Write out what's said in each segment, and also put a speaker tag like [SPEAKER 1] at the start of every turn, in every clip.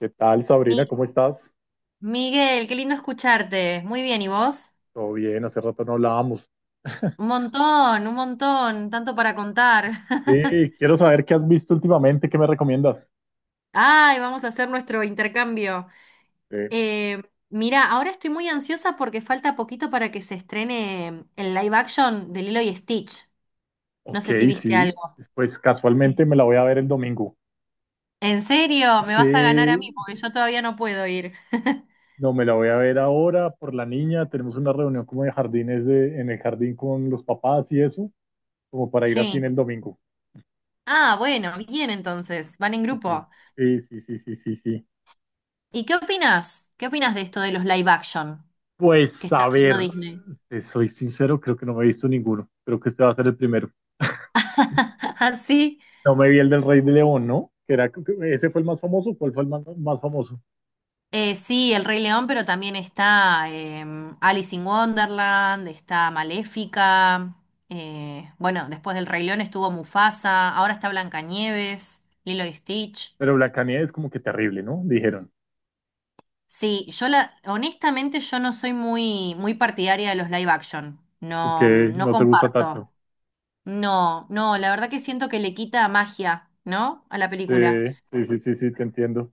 [SPEAKER 1] ¿Qué tal, Sabrina?
[SPEAKER 2] Mi-
[SPEAKER 1] ¿Cómo estás?
[SPEAKER 2] Miguel, qué lindo escucharte. Muy bien, ¿y vos?
[SPEAKER 1] Todo bien, hace rato no hablábamos.
[SPEAKER 2] Un montón, tanto para contar.
[SPEAKER 1] Quiero saber qué has visto últimamente, ¿qué me recomiendas?
[SPEAKER 2] Ay, vamos a hacer nuestro intercambio.
[SPEAKER 1] Eh,
[SPEAKER 2] Eh, mira, ahora estoy muy ansiosa porque falta poquito para que se estrene el live action de Lilo y Stitch. No
[SPEAKER 1] ok,
[SPEAKER 2] sé si viste
[SPEAKER 1] sí,
[SPEAKER 2] algo.
[SPEAKER 1] pues casualmente
[SPEAKER 2] Sí.
[SPEAKER 1] me la voy a ver el domingo.
[SPEAKER 2] ¿En serio? Me vas a ganar a mí
[SPEAKER 1] Sí,
[SPEAKER 2] porque yo todavía no puedo ir.
[SPEAKER 1] no, me la voy a ver ahora por la niña. Tenemos una reunión como de en el jardín con los papás y eso, como para ir así en
[SPEAKER 2] Sí.
[SPEAKER 1] el domingo.
[SPEAKER 2] Ah, bueno, bien entonces, van en
[SPEAKER 1] Sí,
[SPEAKER 2] grupo.
[SPEAKER 1] sí, sí, sí, sí, sí, sí.
[SPEAKER 2] ¿Y qué opinas? ¿Qué opinas de esto de los live action que
[SPEAKER 1] Pues
[SPEAKER 2] está
[SPEAKER 1] a ver,
[SPEAKER 2] haciendo Disney?
[SPEAKER 1] te soy sincero, creo que no me he visto ninguno. Creo que este va a ser el primero.
[SPEAKER 2] Así.
[SPEAKER 1] No me vi el del Rey de León, ¿no? Ese fue el más famoso, ¿cuál fue el más famoso?
[SPEAKER 2] Sí, El Rey León, pero también está Alice in Wonderland, está Maléfica. Bueno, después del Rey León estuvo Mufasa, ahora está Blancanieves, Lilo y Stitch.
[SPEAKER 1] Pero Blancanieves es como que terrible, ¿no? Dijeron
[SPEAKER 2] Sí, honestamente yo no soy muy, muy partidaria de los live action. No,
[SPEAKER 1] que
[SPEAKER 2] no
[SPEAKER 1] no te gusta
[SPEAKER 2] comparto.
[SPEAKER 1] tanto.
[SPEAKER 2] No, no, la verdad que siento que le quita magia, ¿no? A la
[SPEAKER 1] Sí,
[SPEAKER 2] película.
[SPEAKER 1] sí, sí, sí, sí, te entiendo.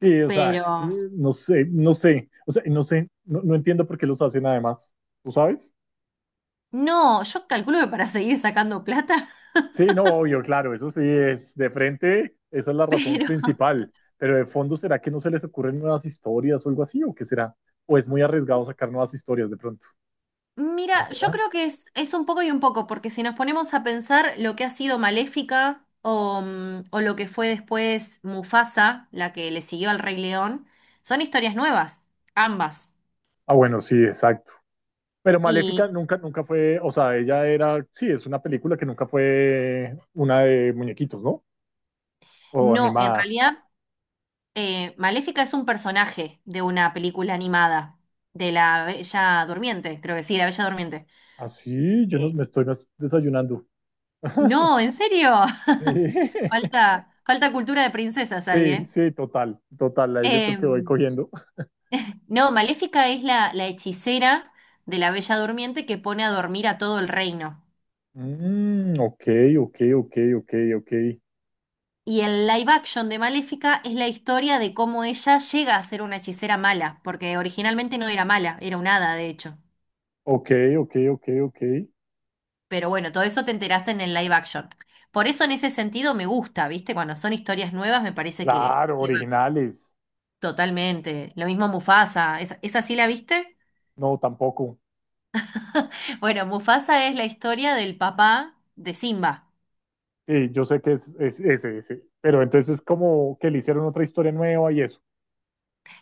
[SPEAKER 1] Sí, o sea,
[SPEAKER 2] Pero
[SPEAKER 1] es que no sé, o sea, no, no entiendo por qué los hacen además, ¿tú sabes?
[SPEAKER 2] no, yo calculo que para seguir sacando plata,
[SPEAKER 1] Sí, no, obvio, claro, eso sí es de frente, esa es la razón
[SPEAKER 2] pero
[SPEAKER 1] principal, pero de fondo, ¿será que no se les ocurren nuevas historias o algo así, o qué será? ¿O es muy arriesgado sacar nuevas historias de pronto? ¿No
[SPEAKER 2] mira, yo
[SPEAKER 1] será?
[SPEAKER 2] creo que es un poco y un poco, porque si nos ponemos a pensar lo que ha sido Maléfica o o lo que fue después Mufasa, la que le siguió al Rey León, son historias nuevas, ambas.
[SPEAKER 1] Ah, bueno, sí, exacto. Pero Maléfica
[SPEAKER 2] Y
[SPEAKER 1] nunca, nunca fue, o sea, sí, es una película que nunca fue una de muñequitos, ¿no? O
[SPEAKER 2] no, en
[SPEAKER 1] animada.
[SPEAKER 2] realidad, Maléfica es un personaje de una película animada, de la Bella Durmiente, creo que sí, la Bella Durmiente.
[SPEAKER 1] Así, yo no,
[SPEAKER 2] Eh,
[SPEAKER 1] me estoy desayunando.
[SPEAKER 2] no, ¿en serio?
[SPEAKER 1] Sí,
[SPEAKER 2] Falta, falta cultura de princesas ahí,
[SPEAKER 1] sí,
[SPEAKER 2] ¿eh?
[SPEAKER 1] sí, total, total, ahí yo creo
[SPEAKER 2] Eh,
[SPEAKER 1] que voy cogiendo.
[SPEAKER 2] No, Maléfica es la hechicera de la Bella Durmiente que pone a dormir a todo el reino.
[SPEAKER 1] Ok, ok, ok, ok, ok,
[SPEAKER 2] Y el live action de Maléfica es la historia de cómo ella llega a ser una hechicera mala, porque originalmente no era mala, era un hada, de hecho.
[SPEAKER 1] ok, ok, ok, ok.
[SPEAKER 2] Pero bueno, todo eso te enterás en el live action. Por eso en ese sentido me gusta, ¿viste? Cuando son historias nuevas me parece
[SPEAKER 1] Claro,
[SPEAKER 2] que va
[SPEAKER 1] originales.
[SPEAKER 2] totalmente. Lo mismo Mufasa, ¿esa, esa sí la viste?
[SPEAKER 1] No, tampoco.
[SPEAKER 2] Bueno, Mufasa es la historia del papá de Simba.
[SPEAKER 1] Sí, yo sé que es ese, ese. Pero entonces es como que le hicieron otra historia nueva y eso.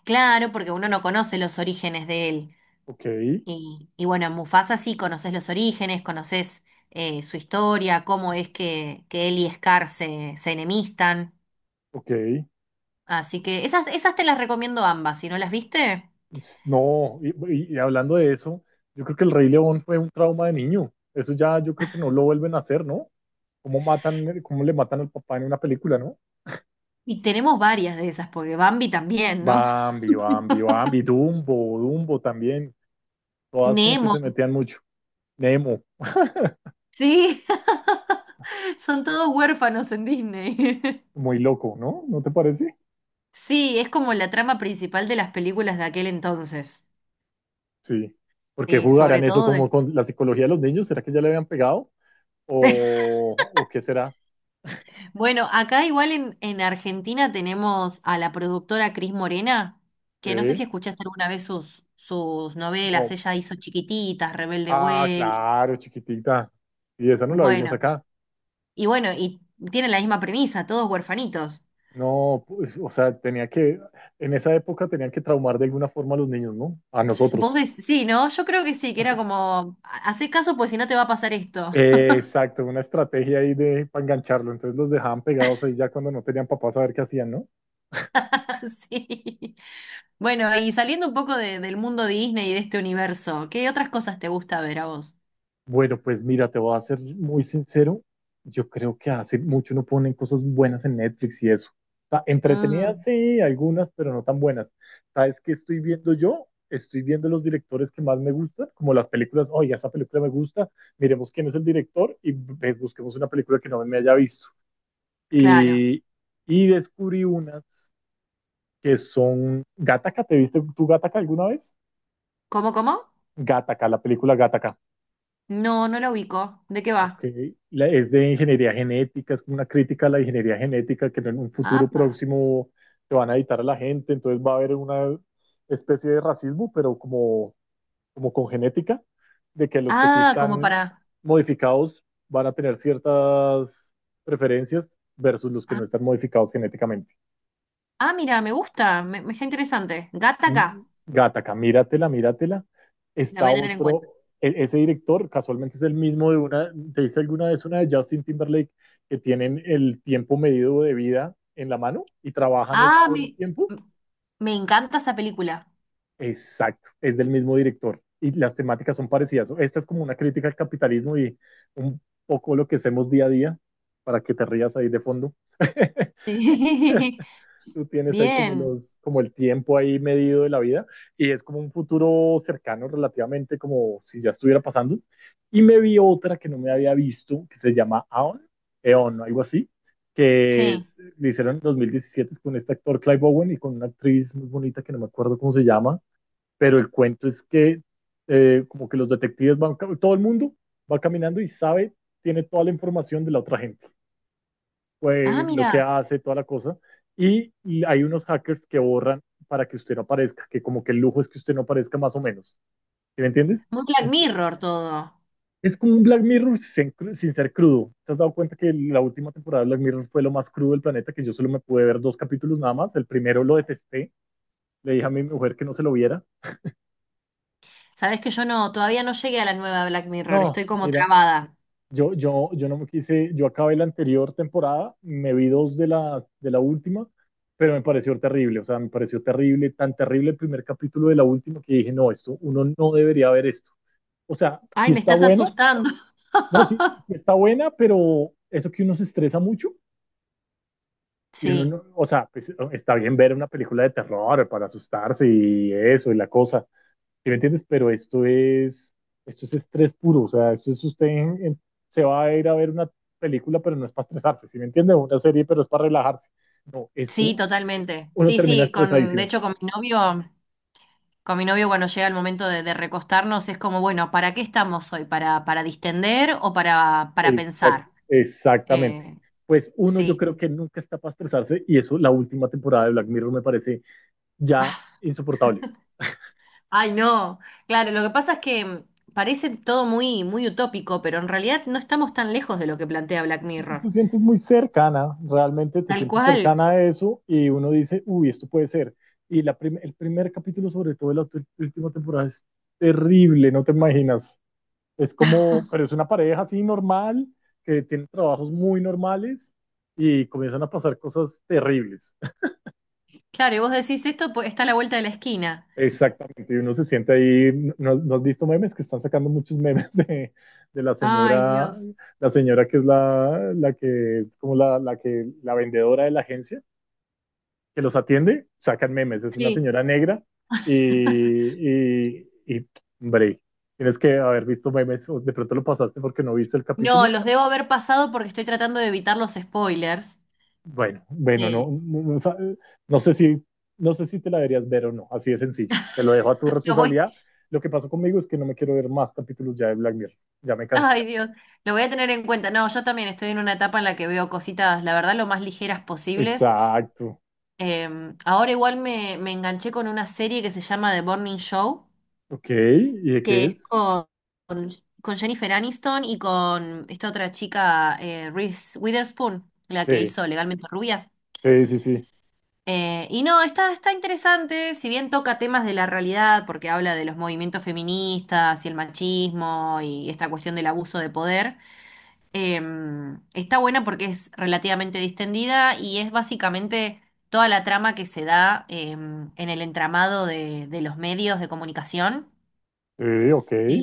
[SPEAKER 2] Claro, porque uno no conoce los orígenes de él.
[SPEAKER 1] Ok,
[SPEAKER 2] Y bueno, en Mufasa sí conoces los orígenes, conoces su historia, cómo es que él y Scar se enemistan.
[SPEAKER 1] ok.
[SPEAKER 2] Así que esas, esas te las recomiendo ambas, si no las viste.
[SPEAKER 1] Pues, no, y hablando de eso, yo creo que el Rey León fue un trauma de niño. Eso ya yo creo que no lo vuelven a hacer, ¿no? Cómo le matan al papá en una película, ¿no?
[SPEAKER 2] Y tenemos varias de esas, porque Bambi también, ¿no?
[SPEAKER 1] Bambi, Bambi, Dumbo, Dumbo también. Todas como que
[SPEAKER 2] Nemo.
[SPEAKER 1] se metían mucho. Nemo,
[SPEAKER 2] Sí, son todos huérfanos en Disney.
[SPEAKER 1] muy loco, ¿no? ¿No te parece?
[SPEAKER 2] Sí, es como la trama principal de las películas de aquel entonces.
[SPEAKER 1] Sí. ¿Por qué
[SPEAKER 2] Sí, sobre
[SPEAKER 1] jugarán eso
[SPEAKER 2] todo
[SPEAKER 1] como
[SPEAKER 2] de
[SPEAKER 1] con la psicología de los niños? ¿Será que ya le habían pegado? O qué será?
[SPEAKER 2] bueno, acá igual en Argentina tenemos a la productora Cris Morena, que no sé si
[SPEAKER 1] ¿Eh?
[SPEAKER 2] escuchaste alguna vez sus novelas,
[SPEAKER 1] No.
[SPEAKER 2] ella hizo Chiquititas, Rebelde
[SPEAKER 1] Ah,
[SPEAKER 2] Way,
[SPEAKER 1] claro, chiquitita. Y esa no la vimos
[SPEAKER 2] bueno,
[SPEAKER 1] acá.
[SPEAKER 2] y tiene la misma premisa, todos huerfanitos.
[SPEAKER 1] No, pues, o sea, en esa época tenían que traumar de alguna forma a los niños, ¿no? A
[SPEAKER 2] Vos
[SPEAKER 1] nosotros.
[SPEAKER 2] decís, sí, ¿no? Yo creo que sí, que era como, haces caso pues si no te va a pasar esto.
[SPEAKER 1] Exacto, una estrategia ahí de para engancharlo. Entonces los dejaban pegados ahí ya cuando no tenían papás a ver qué hacían, ¿no?
[SPEAKER 2] Sí. Bueno, y saliendo un poco del mundo Disney y de este universo, ¿qué otras cosas te gusta ver a vos?
[SPEAKER 1] Bueno, pues mira, te voy a ser muy sincero. Yo creo que hace mucho no ponen cosas buenas en Netflix y eso. O sea, entretenidas,
[SPEAKER 2] Mm,
[SPEAKER 1] sí, algunas, pero no tan buenas. ¿Sabes qué estoy viendo yo? Estoy viendo los directores que más me gustan, como las películas. Oye, esa película me gusta, miremos quién es el director y pues, busquemos una película que no me haya visto.
[SPEAKER 2] claro.
[SPEAKER 1] Y, y descubrí unas que son Gataca. ¿Te viste tú Gataca alguna vez?
[SPEAKER 2] ¿Cómo, cómo?
[SPEAKER 1] Gataca, la película Gataca.
[SPEAKER 2] No, no la ubico. ¿De qué
[SPEAKER 1] Ok,
[SPEAKER 2] va?
[SPEAKER 1] Es de ingeniería genética, es como una crítica a la ingeniería genética que en un futuro
[SPEAKER 2] Apa.
[SPEAKER 1] próximo te van a editar a la gente, entonces va a haber una especie de racismo, pero como con genética, de que los que sí
[SPEAKER 2] Ah, como
[SPEAKER 1] están
[SPEAKER 2] para.
[SPEAKER 1] modificados van a tener ciertas preferencias versus los que
[SPEAKER 2] Ah,
[SPEAKER 1] no están modificados genéticamente.
[SPEAKER 2] ah, mira, me gusta. Me está interesante. Gata
[SPEAKER 1] Mm, Gataca, míratela, míratela.
[SPEAKER 2] la voy
[SPEAKER 1] Está
[SPEAKER 2] a tener en
[SPEAKER 1] otro,
[SPEAKER 2] cuenta.
[SPEAKER 1] ese director casualmente es el mismo de una, ¿te viste alguna vez una de Justin Timberlake que tienen el tiempo medido de vida en la mano y trabajan es
[SPEAKER 2] Ah,
[SPEAKER 1] por tiempo?
[SPEAKER 2] me encanta esa película.
[SPEAKER 1] Exacto, es del mismo director y las temáticas son parecidas. Esta es como una crítica al capitalismo y un poco lo que hacemos día a día para que te rías ahí de fondo.
[SPEAKER 2] Sí.
[SPEAKER 1] Tú tienes ahí como
[SPEAKER 2] Bien.
[SPEAKER 1] como el tiempo ahí medido de la vida y es como un futuro cercano relativamente como si ya estuviera pasando. Y me vi otra que no me había visto, que se llama Eon, algo así,
[SPEAKER 2] Sí.
[SPEAKER 1] le hicieron en 2017 con este actor Clive Owen y con una actriz muy bonita que no me acuerdo cómo se llama, pero el cuento es que como que los detectives van, todo el mundo va caminando y sabe, tiene toda la información de la otra gente
[SPEAKER 2] Ah,
[SPEAKER 1] lo
[SPEAKER 2] mira.
[SPEAKER 1] que hace, toda la cosa. Y hay unos hackers que borran para que usted no aparezca, que como que el lujo es que usted no aparezca más o menos. ¿Sí me entiendes?
[SPEAKER 2] Muy Black
[SPEAKER 1] Ent-
[SPEAKER 2] Mirror todo.
[SPEAKER 1] Es como un Black Mirror sin ser crudo. ¿Te has dado cuenta que la última temporada de Black Mirror fue lo más crudo del planeta? Que yo solo me pude ver dos capítulos nada más. El primero lo detesté. Le dije a mi mujer que no se lo viera.
[SPEAKER 2] Sabes que yo no, todavía no llegué a la nueva Black Mirror.
[SPEAKER 1] No,
[SPEAKER 2] Estoy como
[SPEAKER 1] mira,
[SPEAKER 2] trabada.
[SPEAKER 1] Yo no me quise, yo acabé la anterior temporada, me vi dos de de la última, pero me pareció terrible, o sea, me pareció terrible, tan terrible el primer capítulo de la última que dije, no, esto, uno no debería ver esto. O sea, sí
[SPEAKER 2] Ay, me
[SPEAKER 1] está
[SPEAKER 2] estás
[SPEAKER 1] buena,
[SPEAKER 2] asustando.
[SPEAKER 1] no, sí, sí está buena, pero eso que uno se estresa mucho, y uno
[SPEAKER 2] Sí,
[SPEAKER 1] no- o sea, pues, está bien ver una película de terror para asustarse y eso y la cosa, ¿sí me entiendes? Pero esto es estrés puro, o sea, esto es usted se va a ir a ver una película, pero no es para estresarse, ¿sí me entiende? Una serie, pero es para relajarse. No,
[SPEAKER 2] sí,
[SPEAKER 1] esto
[SPEAKER 2] totalmente.
[SPEAKER 1] uno
[SPEAKER 2] Sí,
[SPEAKER 1] termina
[SPEAKER 2] sí, con, de
[SPEAKER 1] estresadísimo.
[SPEAKER 2] hecho, con mi novio. Con mi novio, cuando llega el momento de recostarnos, es como, bueno, ¿para qué estamos hoy? Para distender o para pensar?
[SPEAKER 1] Exactamente.
[SPEAKER 2] Eh,
[SPEAKER 1] Pues uno yo
[SPEAKER 2] sí.
[SPEAKER 1] creo que nunca está para estresarse y eso la última temporada de Black Mirror me parece ya insoportable.
[SPEAKER 2] Ay, no. Claro, lo que pasa es que parece todo muy, muy utópico, pero en realidad no estamos tan lejos de lo que plantea Black Mirror.
[SPEAKER 1] Te sientes muy cercana, realmente te
[SPEAKER 2] Tal
[SPEAKER 1] sientes
[SPEAKER 2] cual.
[SPEAKER 1] cercana a eso y uno dice, uy, esto puede ser. Y el primer capítulo, sobre todo de la última temporada, es terrible, no te imaginas. Es como, pero es una pareja así normal, que tiene trabajos muy normales y comienzan a pasar cosas terribles.
[SPEAKER 2] Claro, y vos decís esto, pues, está a la vuelta de la esquina.
[SPEAKER 1] Exactamente, y uno se siente ahí, ¿no, no has visto memes? Que están sacando muchos memes de
[SPEAKER 2] Ay, Dios.
[SPEAKER 1] la señora que es la que es como la vendedora de la agencia que los atiende, sacan memes. Es una
[SPEAKER 2] Sí.
[SPEAKER 1] señora negra y hombre, tienes que haber visto memes o de pronto lo pasaste porque no viste el
[SPEAKER 2] No,
[SPEAKER 1] capítulo.
[SPEAKER 2] los debo haber pasado porque estoy tratando de evitar los spoilers.
[SPEAKER 1] Bueno, bueno,
[SPEAKER 2] Sí.
[SPEAKER 1] no, no, no, no sé si, no sé si te la deberías ver o no, así de sencillo. Te lo dejo a tu
[SPEAKER 2] Lo voy
[SPEAKER 1] responsabilidad. Lo que pasó conmigo es que no me quiero ver más capítulos ya de Black Mirror. Ya me cansó.
[SPEAKER 2] ay, Dios, lo voy a tener en cuenta. No, yo también estoy en una etapa en la que veo cositas, la verdad, lo más ligeras posibles.
[SPEAKER 1] Exacto.
[SPEAKER 2] Eh, ahora igual me enganché con una serie que se llama The Morning Show,
[SPEAKER 1] Ok. ¿Y de
[SPEAKER 2] que
[SPEAKER 1] qué
[SPEAKER 2] es
[SPEAKER 1] es?
[SPEAKER 2] con, con Jennifer Aniston y con esta otra chica, Reese Witherspoon, la que
[SPEAKER 1] Sí,
[SPEAKER 2] hizo Legalmente Rubia.
[SPEAKER 1] sí, sí, sí.
[SPEAKER 2] Y no, está, está interesante, si bien toca temas de la realidad, porque habla de los movimientos feministas y el machismo y esta cuestión del abuso de poder. Está buena porque es relativamente distendida y es básicamente toda la trama que se da en el entramado de los medios de comunicación
[SPEAKER 1] Sí, ok.
[SPEAKER 2] eh,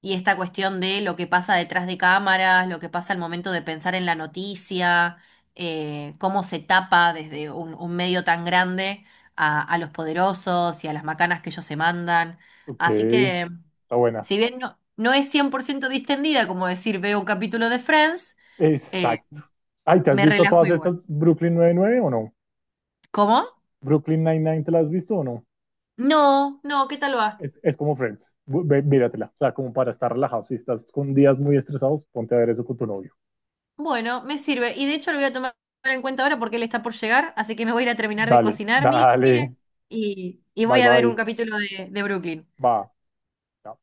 [SPEAKER 2] y esta cuestión de lo que pasa detrás de cámaras, lo que pasa al momento de pensar en la noticia, cómo se tapa desde un medio tan grande a los poderosos y a las macanas que ellos se mandan.
[SPEAKER 1] Ok.
[SPEAKER 2] Así
[SPEAKER 1] Está
[SPEAKER 2] que,
[SPEAKER 1] buena.
[SPEAKER 2] si bien no, no es 100% distendida, como decir, veo un capítulo de Friends,
[SPEAKER 1] Exacto. Ay, ¿te has
[SPEAKER 2] me
[SPEAKER 1] visto
[SPEAKER 2] relajo
[SPEAKER 1] todas
[SPEAKER 2] igual.
[SPEAKER 1] estas Brooklyn 99 o no?
[SPEAKER 2] ¿Cómo?
[SPEAKER 1] Brooklyn 99, ¿te la has visto o no?
[SPEAKER 2] No, no, ¿qué tal va?
[SPEAKER 1] Es como Friends. Míratela. O sea, como para estar relajado. Si estás con días muy estresados, ponte a ver eso con tu novio.
[SPEAKER 2] Bueno, me sirve. Y de hecho lo voy a tomar en cuenta ahora porque él está por llegar, así que me voy a ir a terminar de
[SPEAKER 1] Dale,
[SPEAKER 2] cocinar, mire,
[SPEAKER 1] dale.
[SPEAKER 2] y
[SPEAKER 1] Bye,
[SPEAKER 2] voy a ver un
[SPEAKER 1] bye.
[SPEAKER 2] capítulo de Brooklyn.
[SPEAKER 1] Va. Chao.